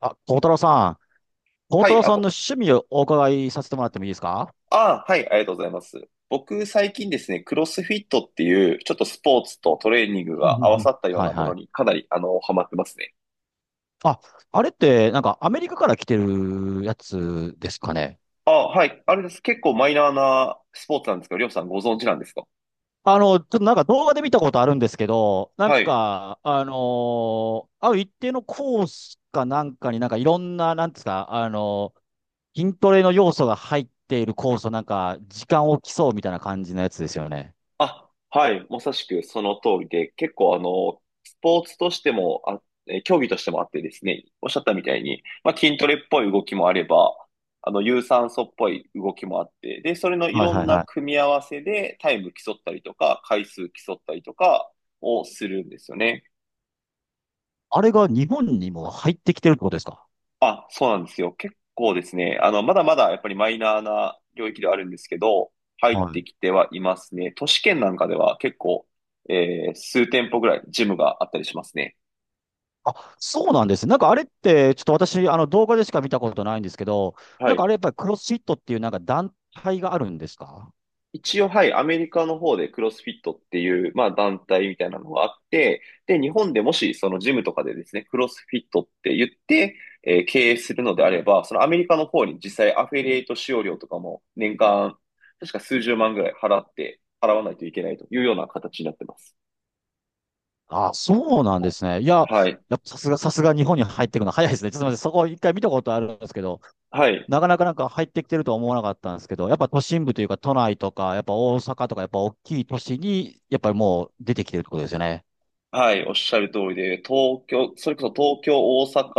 あ、孝太郎さん、孝は太い、郎さんの趣味をお伺いさせてもらってもいいですか？はい、ありがとうございます。僕、最近ですね、クロスフィットっていう、ちょっとスポーツとトレーニングうんうんが合うわさん。ったようはいなもはのい。にかなり、ハマってますね。あ、あれって、なんかアメリカから来てるやつですかね。あ、はい、あれです。結構マイナーなスポーツなんですけど、りょうさんご存知なんですか？ちょっとなんか動画で見たことあるんですけど、なんはい。か、ある一定のコースかなんかになんかいろんな、なんですか、筋トレの要素が入っているコースをなんか、時間を競うみたいな感じのやつですよね。あ、はい、まさしくその通りで、結構スポーツとしても競技としてもあってですね、おっしゃったみたいに、まあ、筋トレっぽい動きもあれば、有酸素っぽい動きもあって、で、それのいはいろんはいなはい。組み合わせでタイム競ったりとか、回数競ったりとかをするんですよね。あれが日本にも入ってきてるってことですか？あ、そうなんですよ。結構ですね、まだまだやっぱりマイナーな領域ではあるんですけど、入っはてい。きてはいますね。都市圏なんかでは結構、数店舗ぐらいジムがあったりしますね。あ、そうなんですね。なんかあれって、ちょっと私、あの動画でしか見たことないんですけど、はなんかあい。れやっぱりクロスフィットっていうなんか団体があるんですか？一応、はい、アメリカの方でクロスフィットっていう、まあ、団体みたいなのがあって、で、日本でもし、そのジムとかでですね、クロスフィットって言って、経営するのであれば、そのアメリカの方に実際アフィリエイト使用料とかも年間、確か数十万ぐらい払って、払わないといけないというような形になってます。あ、そうなんですね。いや、はい。やっぱさすが、さすが日本に入ってくるの早いですね。ちょっと待って、そこ一回見たことあるんですけど、はい。なかなかなんか入ってきてるとは思わなかったんですけど、やっぱ都心部というか都内とか、やっぱ大阪とか、やっぱ大きい都市に、やっぱりもう出てきてるってことですよね。はい。おっしゃる通りで、東京、それこそ東京、大阪、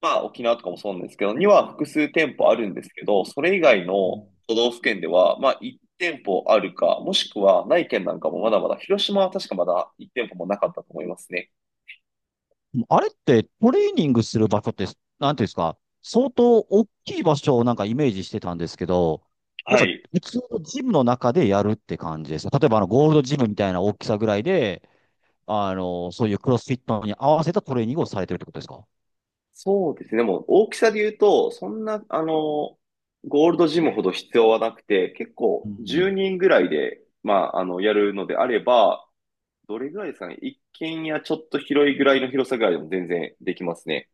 まあ、沖縄とかもそうなんですけど、には複数店舗あるんですけど、それ以外の都道府県では、まあ、1店舗あるか、もしくはない県なんかもまだまだ、広島は確かまだ1店舗もなかったと思いますね。あれってトレーニングする場所って、なんていうんですか、相当大きい場所をなんかイメージしてたんですけど、やっはぱい。普通のジムの中でやるって感じです。例えばあのゴールドジムみたいな大きさぐらいで、そういうクロスフィットに合わせたトレーニングをされてるってことですか？そうですね。もう大きさで言うと、そんな、ゴールドジムほど必要はなくて、結う構ん。10人ぐらいで、やるのであれば、どれぐらいですかね。一軒家ちょっと広いぐらいの広さぐらいでも全然できますね。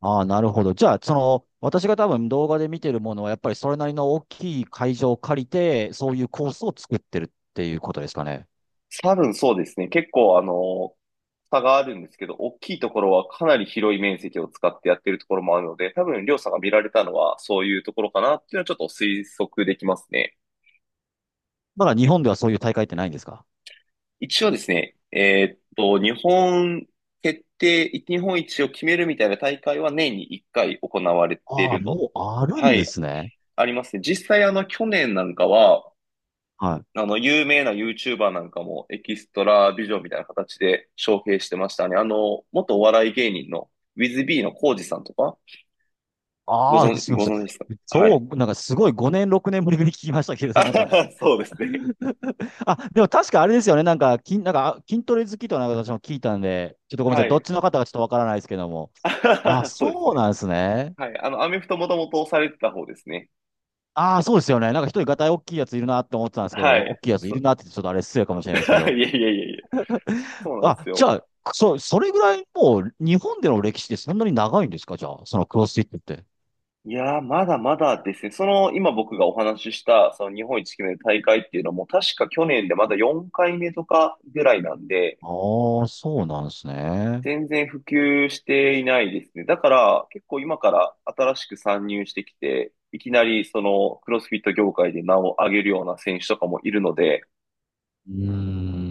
ああ、なるほど。じゃあ、私が多分動画で見てるものは、やっぱりそれなりの大きい会場を借りて、そういうコースを作ってるっていうことですかね。多分そうですね。結構差があるんですけど、大きいところはかなり広い面積を使ってやってるところもあるので、多分、りょうさんが見られたのはそういうところかなっていうのはちょっと推測できますね。まだ日本ではそういう大会ってないんですか？一応ですね、日本一を決めるみたいな大会は年に1回行われていああ、るの。もうあるはんでい、すね。ありますね。実際去年なんかは、はい。有名な YouTuber なんかもエキストラビジョンみたいな形で招聘してましたね。あの、元お笑い芸人の WithB のコウジさんとか、ああ、すみまごせん。存知ですか？はそい。う、なんかすごい5年、6年ぶりに聞きましたけ あど、なんはか、はそうですね。あ、でも確かあれですよね、なんか、筋、なんか、あ筋トレ好きとなんか私も聞いたんで、ちょっとごめんなさはい、どっい。ちの方がちょっとわからないですけども。あはあ、はそうですそうね。なんですね。はい。あの、アメフトもともとされてた方ですね。ああ、そうですよね。なんか一人ガタイ大きいやついるなって思ってたんですけはど、大い。きいやついるなってちょっとあれ失礼かもし れいないですけやど。いやいやいや。そうなんですあ、じよ。ゃあ、それぐらいもう日本での歴史ってそんなに長いんですか？じゃあ、そのクロスフィットって。いやー、まだまだですね。その、今僕がお話しした、その日本一決める大会っていうのも、確か去年でまだ4回目とかぐらいなんで、ああ、そうなんですね。全然普及していないですね。だから、結構今から新しく参入してきて、いきなりそのクロスフィット業界で名を上げるような選手とかもいるので、うー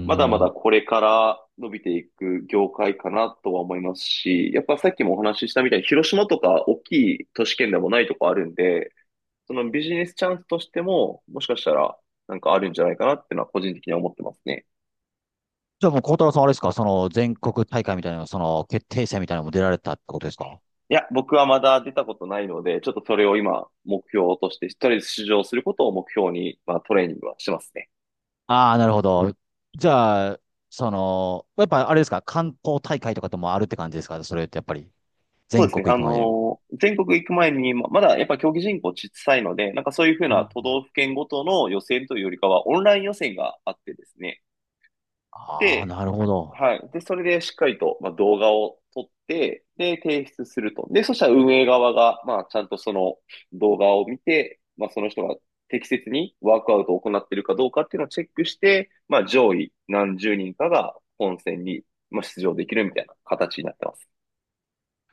まだまだん。これから伸びていく業界かなとは思いますし、やっぱさっきもお話ししたみたいに広島とか大きい都市圏でもないとこあるんで、そのビジネスチャンスとしても、もしかしたらなんかあるんじゃないかなっていうのは個人的には思ってますね。じゃあもう、孝太郎さんはあれですか、その全国大会みたいな、その決定戦みたいなのも出られたってことですか？いや、僕はまだ出たことないので、ちょっとそれを今目標として、とりあえず出場することを目標に、まあトレーニングはしてますね。ああー、なるほど。じゃあ、やっぱあれですか、関東大会とかともあるって感じですか？それってやっぱり、そう全ですね。国行くまでに。全国行く前に、まだやっぱ競技人口小さいので、なんかそういうふううなん。都道府県ごとの予選というよりかは、オンライン予選があってですね。ああ、で、なるほど。はい。で、それでしっかりと、まあ、動画を撮って、で、提出すると。で、そしたら運営側が、まあ、ちゃんとその動画を見て、まあ、その人が適切にワークアウトを行っているかどうかっていうのをチェックして、まあ、上位何十人かが本戦に、まあ、出場できるみたいな形になってます。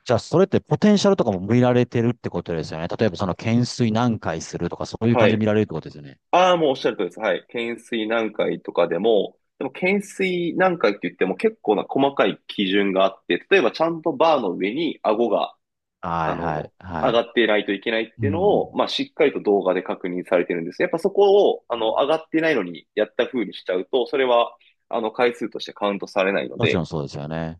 じゃあ、それってポテンシャルとかも見られてるってことですよね。例えば、懸垂何回するとか、そういうは感じでい。見られるってことですよね。ああ、もうおっしゃるとりです。はい。懸垂何回とかでも、でも懸垂何回って言っても結構な細かい基準があって、例えばちゃんとバーの上に顎が、はあい、はい、の、は上がい。っていないといけないっうていうのん。を、まあ、しっかりと動画で確認されてるんですね。やっぱそこを、うん。上がってないのにやった風にしちゃうと、それは、回数としてカウントされないのもちろんで、そうですよね。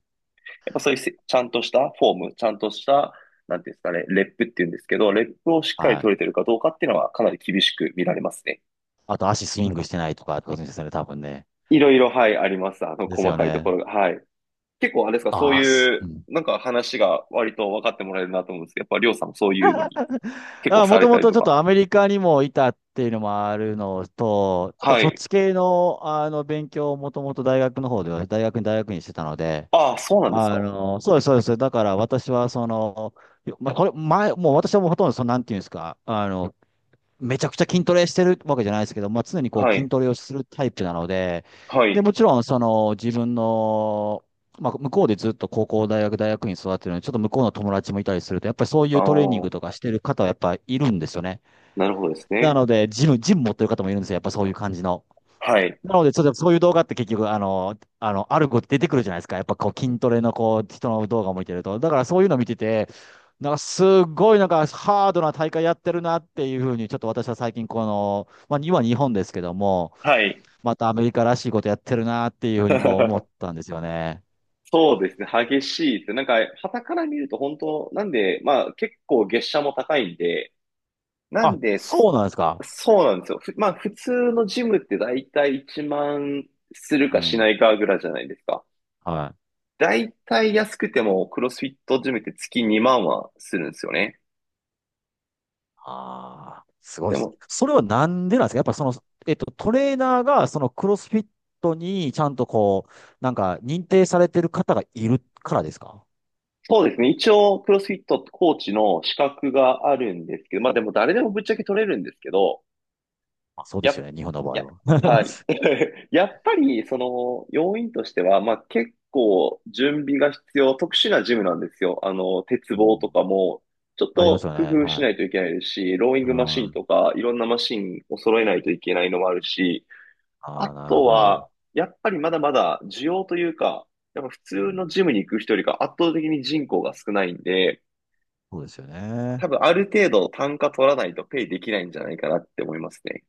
やっぱそういうちゃんとしたフォーム、ちゃんとした、なんていうんですかね、レップっていうんですけど、レップをしっかりはい。取れてるかどうかっていうのはかなり厳しく見られますね。あと、足スイングしてないとか、ってことですよね、多分ね。いろいろ、はい、あります。あの、です細よかいとこね。ろが。はい。結構、あれですか、そあうあ、すいうう、ん。なんか話が割と分かってもらえるなと思うんですけど、やっぱりょうさんもそういうのに結構あ、さもれとたもりととちょっか。とアメリカにもいたっていうのもあるのと、あとはそっい。ち系の、あの勉強をもともと大学の方では、大学に大学院してたので、ああ、そうなんですか。そうです、そうです。だから私はその、まあ、これ前、もう私はもうほとんどその、なんていうんですか、めちゃくちゃ筋トレしてるわけじゃないですけど、まあ、常にこうは筋い。トレをするタイプなので、はで、い。もちろん、その、自分の、まあ、向こうでずっと高校、大学、大学院育ってるので、ちょっと向こうの友達もいたりすると、やっぱりそういあうトレーニンあ、グとかしてる方はやっぱいるんですよね。なるほどですなね。ので、ジム持ってる方もいるんですよ。やっぱそういう感じの。はい。なので、ちょっとそういう動画って結局、ある子出てくるじゃないですか。やっぱこう筋トレのこう人の動画を見てると。だからそういうの見てて、なんかすごいなんかハードな大会やってるなっていうふうに、ちょっと私は最近この、まあ今日本ですけども、はい。またアメリカらしいことやってるなっていうふうにこう思っ たんですよね。そうですね。激しいですね。なんか、傍から見ると本当、なんで、まあ結構月謝も高いんで、なんあ、です、そうなんですか。そうなんですよ。まあ普通のジムって大体1万するうかしなん。いかぐらいじゃないですか。はい。だいたい安くてもクロスフィットジムって月2万はするんですよね。ああ、すごいでですね。も、それはなんでなんですか？やっぱその、トレーナーがそのクロスフィットにちゃんとこう、なんか認定されてる方がいるからですか？そうですね。一応、クロスフィットコーチの資格があるんですけど、まあでも誰でもぶっちゃけ取れるんですけど、あ、そうでやすよね。っ、日本の場や、合は。はい。やっぱり、その、要因としては、まあ結構準備が必要、特殊なジムなんですよ。あの、鉄う棒とん。かも、ちょっありますとよ工ね。夫はしい。ないといけないですし、ローイングマシあンとか、いろんなマシンを揃えないといけないのもあるし、ああ、なるとほは、ど。やっぱりまだまだ需要というか、やっぱ普通うん。のジムに行く人よりか圧倒的に人口が少ないんで、そうですよ多ね。分ある程度単価取らないとペイできないんじゃないかなって思いますね。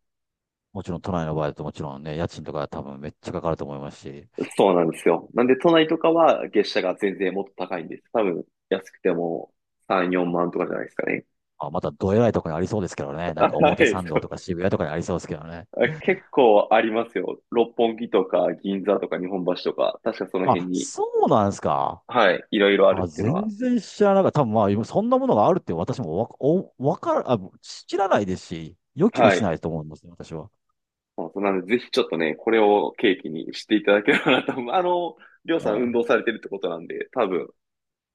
もちろん都内の場合だともちろんね、家賃とか多分めっちゃかかると思いますし、そうなんですよ。なんで都内とかは月謝が全然もっと高いんです。多分安くても3、4万とかじゃないですかね。あ、またどえらいとこにありそうですけどね。なんかは表い、参そ道とう。か渋谷とかにありそうですけどね。あ結構ありますよ。六本木とか銀座とか日本橋とか、確かその辺あ、に、そうなんですか。はい、いろいろあるあ、っていうの全は。然知らなかった。多分まあ、今そんなものがあるって私もわ、お、わから、あ、知らないですし、予期もはしい。ないと思うんですね、私は。そうそうなんで、ぜひちょっとね、これを契機にしていただければなと思う。あの、りょうさん運あ動あ。されてるってことなんで、多分、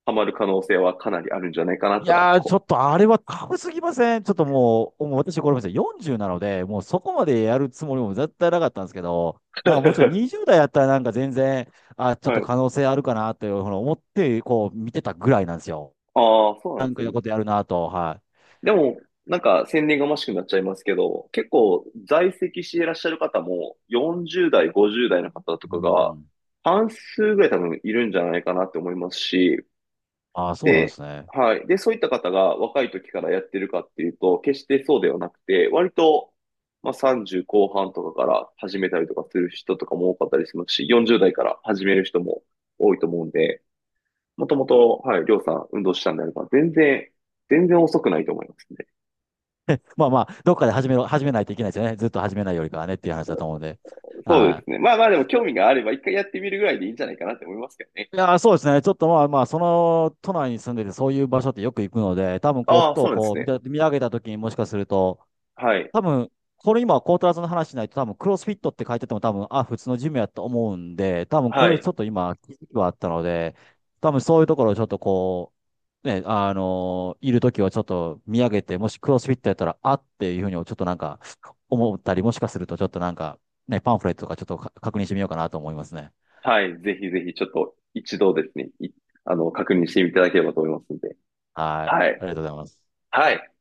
ハマる可能性はかなりあるんじゃないかないとは、やー、ちょっとあれはタすぎません。ちょっともう私これまで40なので、もうそこまでやるつもりも絶対なかったんですけど、なんかもうちろんう。20代やったらなんか全然、あ、ちょっはとい。可能性あるかなというふうに思って、こう見てたぐらいなんですよ。ああ、そうななんんですかいうね。ことやるなと、はでも、なんか、宣伝がましくなっちゃいますけど、結構、在籍していらっしゃる方も、40代、50代の方とい。うかが、ん。半数ぐらい多分いるんじゃないかなって思いますし、ああ、そうなんでで、すね。はい。で、そういった方が若い時からやってるかっていうと、決してそうではなくて、割と、まあ、30後半とかから始めたりとかする人とかも多かったりしますし、40代から始める人も多いと思うんで、もともと、はい、りょうさん運動したんであれば、全然、全然遅くないと思いますね。まあまあ、どっかで始めないといけないですよね。ずっと始めないよりかはねっていう話だと思うんで。そうではすね。まあまあでも興味があれば一回やってみるぐらいでいいんじゃないかなって思いますけどね。い。いやー、そうですね。ちょっとまあまあ、その都内に住んでて、そういう場所ってよく行くので、多分こう、あふあ、そとうなんですこう見ね。た、見上げた時にもしかすると、はい。多分、これ今、コートラーの話しないと、多分、クロスフィットって書いてても、多分、あ、普通のジムやと思うんで、多分、こはれちい。ょっと今、気づきはあったので、多分、そういうところをちょっとこう、ね、あのいるときはちょっと見上げて、もしクロスフィットやったら、あっていうふうに、ちょっとなんか、思ったり、もしかすると、ちょっとなんか、ね、パンフレットとかちょっとか確認してみようかなと思いますね。はい。ぜひぜひちょっと一度ですね、あの、確認していただければと思いますので。はい。はあい。りがとうございます。はい。